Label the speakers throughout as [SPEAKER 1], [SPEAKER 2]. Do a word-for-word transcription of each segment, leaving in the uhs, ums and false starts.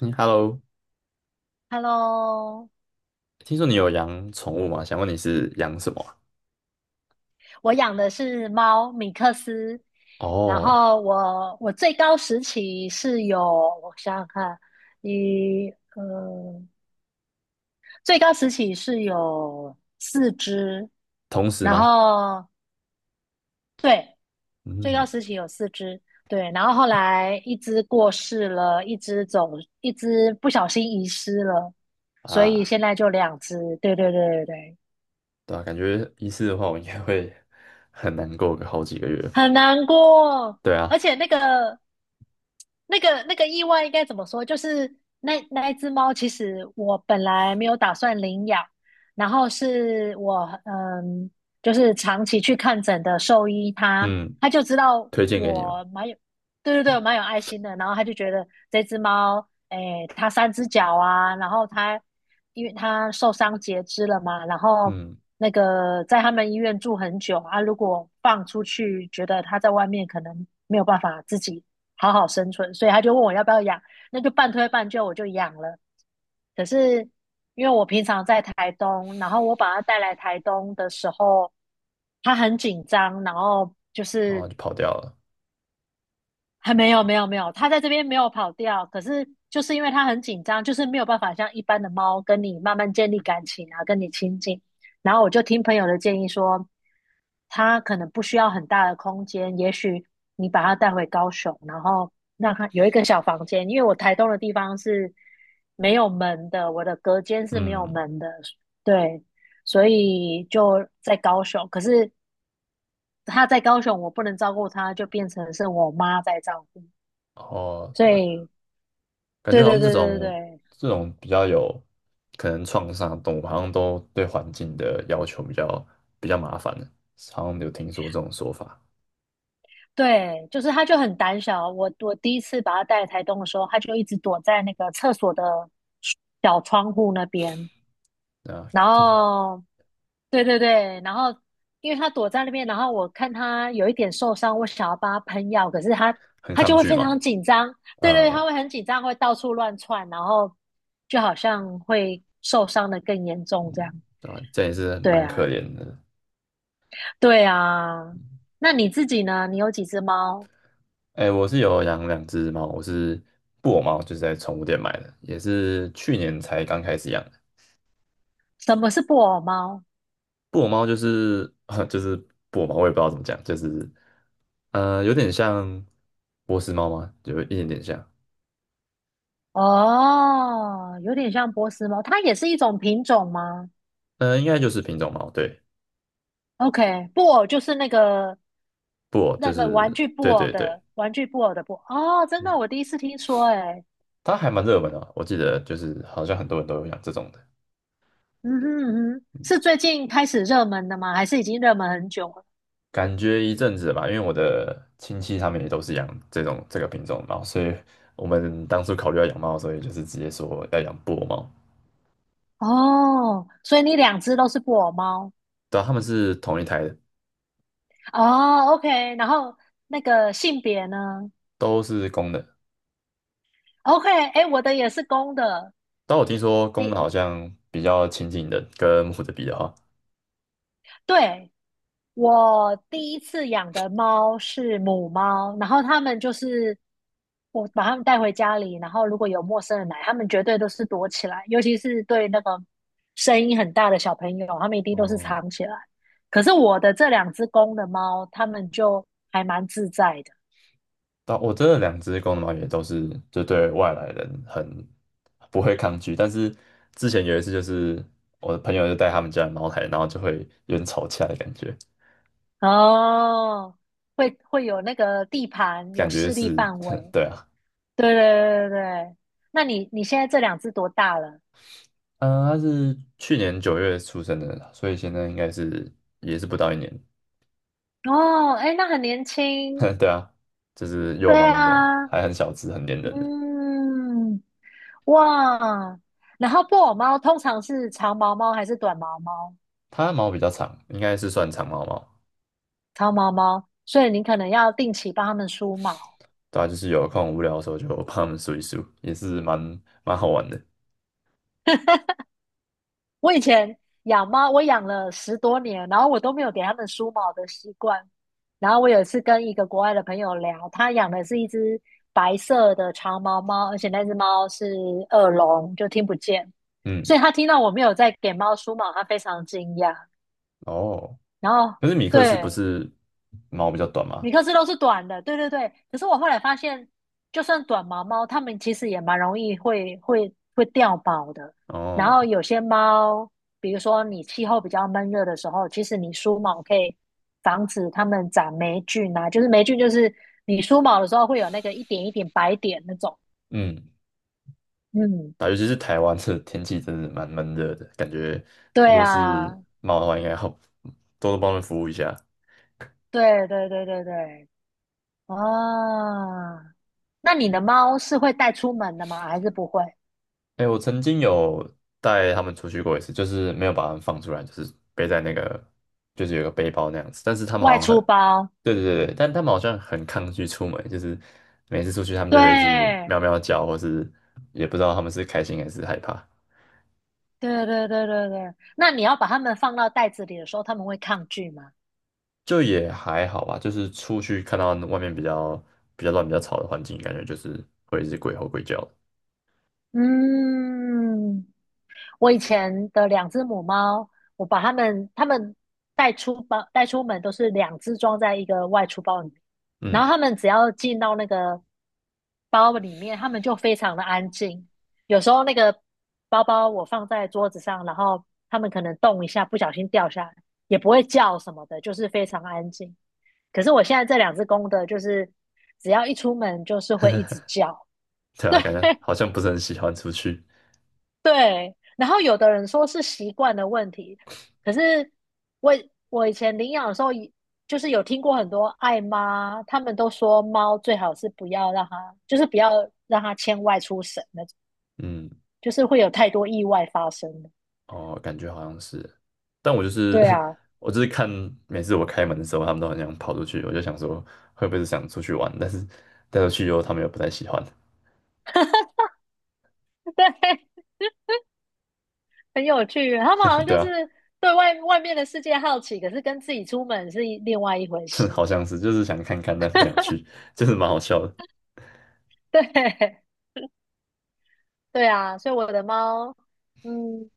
[SPEAKER 1] 嗯，Hello，
[SPEAKER 2] Hello，
[SPEAKER 1] 听说你有养宠物吗？想问你是养什么啊？
[SPEAKER 2] 我养的是猫米克斯，然
[SPEAKER 1] 哦，
[SPEAKER 2] 后我我最高时期是有，我想想看，一呃，最高时期是有四只，
[SPEAKER 1] 同时
[SPEAKER 2] 然
[SPEAKER 1] 吗？
[SPEAKER 2] 后对，最高
[SPEAKER 1] 嗯
[SPEAKER 2] 时期有四只，对，然后后来一只过世了，一只走，一只不小心遗失了，所以
[SPEAKER 1] 啊，
[SPEAKER 2] 现在就两只，对对对对对。
[SPEAKER 1] 对啊，感觉一次的话，我应该会很难过个好几个月。
[SPEAKER 2] 很难过，
[SPEAKER 1] 对
[SPEAKER 2] 而
[SPEAKER 1] 啊，
[SPEAKER 2] 且那个那个那个意外应该怎么说？就是那那一只猫，其实我本来没有打算领养，然后是我嗯，就是长期去看诊的兽医他，
[SPEAKER 1] 嗯，
[SPEAKER 2] 他就知道
[SPEAKER 1] 推荐给你嘛，
[SPEAKER 2] 我蛮有对对对，我蛮有爱心的。然后他就觉得这只猫，诶，它三只脚啊，然后它因为它受伤截肢了嘛，然后
[SPEAKER 1] 嗯，
[SPEAKER 2] 那个在他们医院住很久啊，如果放出去，觉得它在外面可能没有办法自己好好生存，所以他就问我要不要养，那就半推半就我就养了。可是因为我平常在台东，然后我把它带来台东的时候，它很紧张，然后就
[SPEAKER 1] 然
[SPEAKER 2] 是
[SPEAKER 1] 后就跑掉了，
[SPEAKER 2] 还没有没有没有，它在这边没有跑掉，可是就是因为它很紧张，就是没有办法像一般的猫跟你慢慢建立感情啊，跟你亲近。然后我就听朋友的建议说，它可能不需要很大的空间，也许你把它带回高雄，然后让它有一个小房间，因为我台东的地方是没有门的，我的隔间是没有
[SPEAKER 1] 嗯，
[SPEAKER 2] 门的，对，所以就在高雄。可是他在高雄，我不能照顾他，就变成是我妈在照顾。
[SPEAKER 1] 哦，
[SPEAKER 2] 所
[SPEAKER 1] 对啊，
[SPEAKER 2] 以，
[SPEAKER 1] 感觉
[SPEAKER 2] 对
[SPEAKER 1] 好
[SPEAKER 2] 对
[SPEAKER 1] 像这
[SPEAKER 2] 对对对
[SPEAKER 1] 种
[SPEAKER 2] 对
[SPEAKER 1] 这种比较有可能创伤的动物，好像都对环境的要求比较比较麻烦的，好像有听说这种说法，
[SPEAKER 2] 对，就是他就很胆小。我我第一次把他带来台东的时候，他就一直躲在那个厕所的小窗户那边。
[SPEAKER 1] 对啊，
[SPEAKER 2] 然
[SPEAKER 1] 听起来
[SPEAKER 2] 后，对对对，然后因为他躲在那边，然后我看他有一点受伤，我想要帮他喷药，可是他
[SPEAKER 1] 很
[SPEAKER 2] 他就
[SPEAKER 1] 抗
[SPEAKER 2] 会
[SPEAKER 1] 拒
[SPEAKER 2] 非
[SPEAKER 1] 嘛。
[SPEAKER 2] 常紧张。对对，他
[SPEAKER 1] 嗯，
[SPEAKER 2] 会很紧张，会到处乱窜，然后就好像会受伤的更严重这样。
[SPEAKER 1] 对吧？这也是
[SPEAKER 2] 对
[SPEAKER 1] 蛮可
[SPEAKER 2] 啊，
[SPEAKER 1] 怜的。
[SPEAKER 2] 对啊。那你自己呢？你有几只猫？
[SPEAKER 1] 哎，我是有养两只猫，我是布偶猫，就是在宠物店买的，也是去年才刚开始养的。
[SPEAKER 2] 什么是布偶猫？
[SPEAKER 1] 布偶猫就是 就是布偶猫，我也不知道怎么讲，就是呃，有点像波斯猫吗？有一点点像，
[SPEAKER 2] 哦，有点像波斯猫，它也是一种品种吗
[SPEAKER 1] 呃，应该就是品种猫，对，
[SPEAKER 2] ？OK，布偶就是那个
[SPEAKER 1] 布偶
[SPEAKER 2] 那
[SPEAKER 1] 就
[SPEAKER 2] 个
[SPEAKER 1] 是
[SPEAKER 2] 玩具布
[SPEAKER 1] 对
[SPEAKER 2] 偶
[SPEAKER 1] 对对，
[SPEAKER 2] 的玩具布偶的布偶哦，真的，
[SPEAKER 1] 嗯，
[SPEAKER 2] 我第一次听说、欸，哎，
[SPEAKER 1] 它还蛮热门的，我记得就是好像很多人都有养这种的。
[SPEAKER 2] 嗯哼嗯哼，是最近开始热门的吗？还是已经热门很久了？
[SPEAKER 1] 感觉一阵子吧，因为我的亲戚他们也都是养这种这个品种的猫，所以我们当初考虑要养猫，所以就是直接说要养布偶猫。
[SPEAKER 2] 哦，所以你两只都是布偶猫
[SPEAKER 1] 对啊，他们是同一台的，
[SPEAKER 2] 哦，OK，然后那个性别呢
[SPEAKER 1] 都是公的。
[SPEAKER 2] ？OK，哎，我的也是公的，
[SPEAKER 1] 但我听说公的
[SPEAKER 2] 你
[SPEAKER 1] 好像比较亲近的，跟母的比的话，
[SPEAKER 2] 对，我第一次养的猫是母猫，然后它们就是我把它们带回家里，然后如果有陌生人来，它们绝对都是躲起来，尤其是对那个声音很大的小朋友，它们一定都是
[SPEAKER 1] 哦，
[SPEAKER 2] 藏起来。可是我的这两只公的猫，它们就还蛮自在的
[SPEAKER 1] 但我真的两只公的猫也都是就对外来人很不会抗拒，但是之前有一次，就是我的朋友就带他们家的猫来，然后就会有点吵架的感觉，
[SPEAKER 2] 哦，会会有那个地盘，有
[SPEAKER 1] 感觉
[SPEAKER 2] 势力
[SPEAKER 1] 是，
[SPEAKER 2] 范 围。
[SPEAKER 1] 对啊。
[SPEAKER 2] 对对对对对，那你你现在这两只多大了？
[SPEAKER 1] 嗯，它是去年九月出生的，所以现在应该是也是不到一年。
[SPEAKER 2] 哦，哎，那很年轻。
[SPEAKER 1] 对啊，就是
[SPEAKER 2] 对
[SPEAKER 1] 幼猫那种，
[SPEAKER 2] 啊，
[SPEAKER 1] 还很小只，很黏人的。
[SPEAKER 2] 嗯，哇，然后布偶猫通常是长毛猫还是短毛猫？
[SPEAKER 1] 它毛比较长，应该是算长毛猫。
[SPEAKER 2] 长毛猫，所以你可能要定期帮它们梳毛。
[SPEAKER 1] 对啊，就是有空无聊的时候就帮它们梳一梳，也是蛮蛮好玩的。
[SPEAKER 2] 我以前养猫，我养了十多年，然后我都没有给它们梳毛的习惯。然后我有一次跟一个国外的朋友聊，他养的是一只白色的长毛猫，而且那只猫是耳聋，就听不见，所以
[SPEAKER 1] 嗯，
[SPEAKER 2] 他听到我没有在给猫梳毛，他非常惊讶。
[SPEAKER 1] 哦，
[SPEAKER 2] 然后
[SPEAKER 1] 可是米克斯不
[SPEAKER 2] 对，
[SPEAKER 1] 是毛比较短吗？
[SPEAKER 2] 米克斯都是短的，对对对。可是我后来发现，就算短毛猫，它们其实也蛮容易会会会掉毛的。然后
[SPEAKER 1] 哦，
[SPEAKER 2] 有些猫，比如说你气候比较闷热的时候，其实你梳毛可以防止它们长霉菌啊，就是霉菌就是你梳毛的时候会有那个一点一点白点那种。
[SPEAKER 1] 嗯，
[SPEAKER 2] 嗯，
[SPEAKER 1] 啊，尤其是台湾这天气真的蛮闷热的，感觉如
[SPEAKER 2] 对
[SPEAKER 1] 果是
[SPEAKER 2] 啊，
[SPEAKER 1] 猫的话，应该要 多多帮它们服务一下。
[SPEAKER 2] 对对对对对，啊，那你的猫是会带出门的吗？还是不会？
[SPEAKER 1] 哎，我曾经有带他们出去过一次，就是没有把他们放出来，就是背在那个，就是有个背包那样子。但是他们
[SPEAKER 2] 外
[SPEAKER 1] 好像很，
[SPEAKER 2] 出包？
[SPEAKER 1] 对对对对，但他们好像很抗拒出门，就是每次出去他们就会一直
[SPEAKER 2] 对，
[SPEAKER 1] 喵喵叫，或是也不知道他们是开心还是害怕。
[SPEAKER 2] 对对对对对，那你要把它们放到袋子里的时候，它们会抗拒吗？
[SPEAKER 1] 就也还好吧，就是出去看到外面比较比较乱、比较吵的环境，感觉就是会一直鬼吼鬼叫的。
[SPEAKER 2] 嗯，我以前的两只母猫，我把它们它们带出包带出门都是两只装在一个外出包里面，然后
[SPEAKER 1] 嗯，
[SPEAKER 2] 它们只要进到那个包里面，他们就非常的安静。有时候那个包包我放在桌子上，然后他们可能动一下，不小心掉下来，也不会叫什么的，就是非常安静。可是我现在这两只公的，就是只要一出门就是会一直叫，
[SPEAKER 1] 对啊，感觉好像不是很喜欢出去。
[SPEAKER 2] 对。然后有的人说是习惯的问题，可是我我以前领养的时候，就是有听过很多爱妈，他们都说猫最好是不要让它，就是不要让它牵外出省那
[SPEAKER 1] 嗯。
[SPEAKER 2] 就是会有太多意外发生了。
[SPEAKER 1] 哦，感觉好像是，但我就是
[SPEAKER 2] 对啊，
[SPEAKER 1] 我就是看每次我开门的时候，他们都很想跑出去，我就想说会不会是想出去玩，但是带出去以后他们又不太喜欢，
[SPEAKER 2] 对，很有趣。他们好 像
[SPEAKER 1] 对
[SPEAKER 2] 就
[SPEAKER 1] 啊，
[SPEAKER 2] 是对外外面的世界好奇，可是跟自己出门是一另外一回
[SPEAKER 1] 好
[SPEAKER 2] 事。
[SPEAKER 1] 像是就是想看看，但是不想去，就是蛮好笑的。
[SPEAKER 2] 对，对啊，所以我的猫，嗯，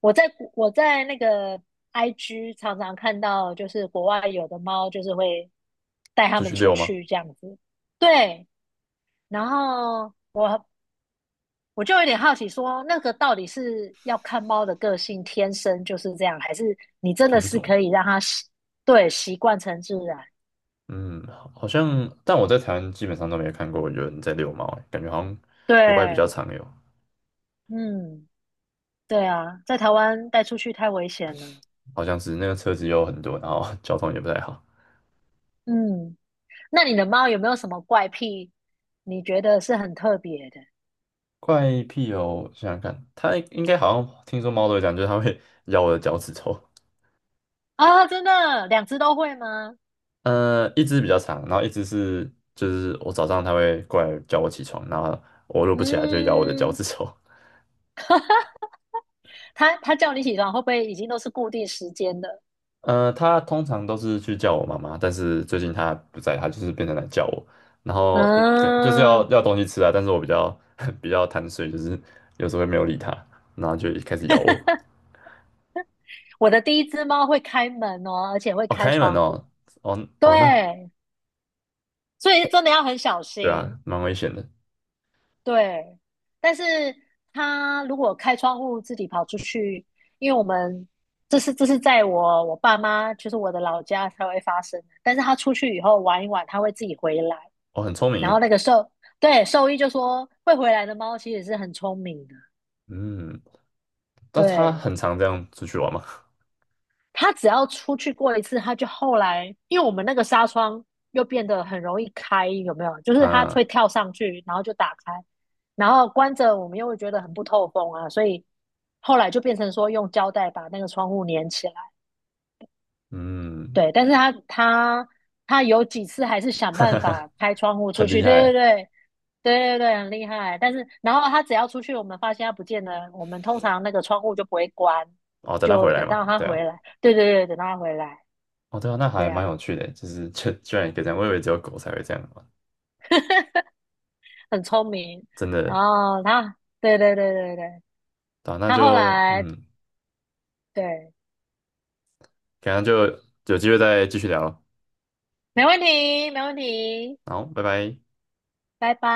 [SPEAKER 2] 我在我在那个 I G 常常看到，就是国外有的猫就是会带它
[SPEAKER 1] 出
[SPEAKER 2] 们
[SPEAKER 1] 去
[SPEAKER 2] 出
[SPEAKER 1] 遛吗？
[SPEAKER 2] 去这样子。对，然后我就有点好奇说那个到底是要看猫的个性天生就是这样，还是你真的
[SPEAKER 1] 品
[SPEAKER 2] 是
[SPEAKER 1] 种，
[SPEAKER 2] 可以让它习，对，习惯成自然？
[SPEAKER 1] 嗯，好好像，但我在台湾基本上都没有看过有人在遛猫欸，感觉好像国外比较
[SPEAKER 2] 对，
[SPEAKER 1] 常有，
[SPEAKER 2] 嗯，对啊，在台湾带出去太危险了。
[SPEAKER 1] 好像是那个车子有很多，然后 交通也不太好。
[SPEAKER 2] 嗯，那你的猫有没有什么怪癖？你觉得是很特别的
[SPEAKER 1] 怪癖哦，想想看，它应该好像听说猫都会讲，就是它会 咬我的脚趾头。
[SPEAKER 2] 啊？真的，两只都会吗？
[SPEAKER 1] 呃，一只比较长，然后一只是就是我早上它会过来叫我起床，然后我如果不起来就咬我的脚
[SPEAKER 2] 嗯，
[SPEAKER 1] 趾头。
[SPEAKER 2] 它它叫你起床，会不会已经都是固定时间的？
[SPEAKER 1] 呃，它通常都是去叫我妈妈，但是最近它不在，它就是变成来叫我，然后呃跟就是要
[SPEAKER 2] 嗯，
[SPEAKER 1] 要东西吃啊，但是我比较 比较贪睡，就是有时候会没有理它，然后就开始咬我。
[SPEAKER 2] 我的第一只猫会开门哦，而且会
[SPEAKER 1] 哦，
[SPEAKER 2] 开
[SPEAKER 1] 开门
[SPEAKER 2] 窗户。
[SPEAKER 1] 哦，哦哦，那
[SPEAKER 2] 对，所以真的要很小
[SPEAKER 1] 对啊，
[SPEAKER 2] 心。
[SPEAKER 1] 蛮危险的。
[SPEAKER 2] 对，但是他如果开窗户自己跑出去，因为我们这是这是在我我爸妈就是我的老家才会发生的。但是他出去以后玩一玩，他会自己回来。
[SPEAKER 1] 哦，很聪明
[SPEAKER 2] 然后
[SPEAKER 1] 耶。
[SPEAKER 2] 那个兽，对，兽医就说会回来的猫其实是很聪明的。
[SPEAKER 1] 嗯。但他
[SPEAKER 2] 对，
[SPEAKER 1] 很常这样出去玩嘛。
[SPEAKER 2] 他只要出去过一次，他就后来，因为我们那个纱窗又变得很容易开，有没有？就是他会
[SPEAKER 1] 啊，
[SPEAKER 2] 跳上去，然后就打开，然后关着，我们又会觉得很不透风啊，所以后来就变成说用胶带把那个窗户粘起来。
[SPEAKER 1] 嗯，
[SPEAKER 2] 对，但是他他他有几次还是 想
[SPEAKER 1] 哈
[SPEAKER 2] 办
[SPEAKER 1] 哈
[SPEAKER 2] 法开窗户出
[SPEAKER 1] 很
[SPEAKER 2] 去，
[SPEAKER 1] 厉
[SPEAKER 2] 对对
[SPEAKER 1] 害。
[SPEAKER 2] 对。对对对，很厉害。但是，然后他只要出去，我们发现他不见了，我们通常那个窗户就不会关，
[SPEAKER 1] 哦，等他
[SPEAKER 2] 就
[SPEAKER 1] 回来
[SPEAKER 2] 等
[SPEAKER 1] 嘛。
[SPEAKER 2] 到他
[SPEAKER 1] 对啊，
[SPEAKER 2] 回来。对对对，等到他回来。
[SPEAKER 1] 哦，对啊，那
[SPEAKER 2] 对
[SPEAKER 1] 还蛮有
[SPEAKER 2] 啊，
[SPEAKER 1] 趣的，就是 居居然也可以这样，我以为只有狗才会这样玩，
[SPEAKER 2] 很聪明。
[SPEAKER 1] 真
[SPEAKER 2] 然
[SPEAKER 1] 的。
[SPEAKER 2] 后他，对对对对对，
[SPEAKER 1] 对啊，那
[SPEAKER 2] 他后
[SPEAKER 1] 就
[SPEAKER 2] 来，
[SPEAKER 1] 嗯，
[SPEAKER 2] 对，
[SPEAKER 1] 可能就有机会再继续聊咯。
[SPEAKER 2] 没问题，没问题，
[SPEAKER 1] 好，拜拜。
[SPEAKER 2] 拜拜。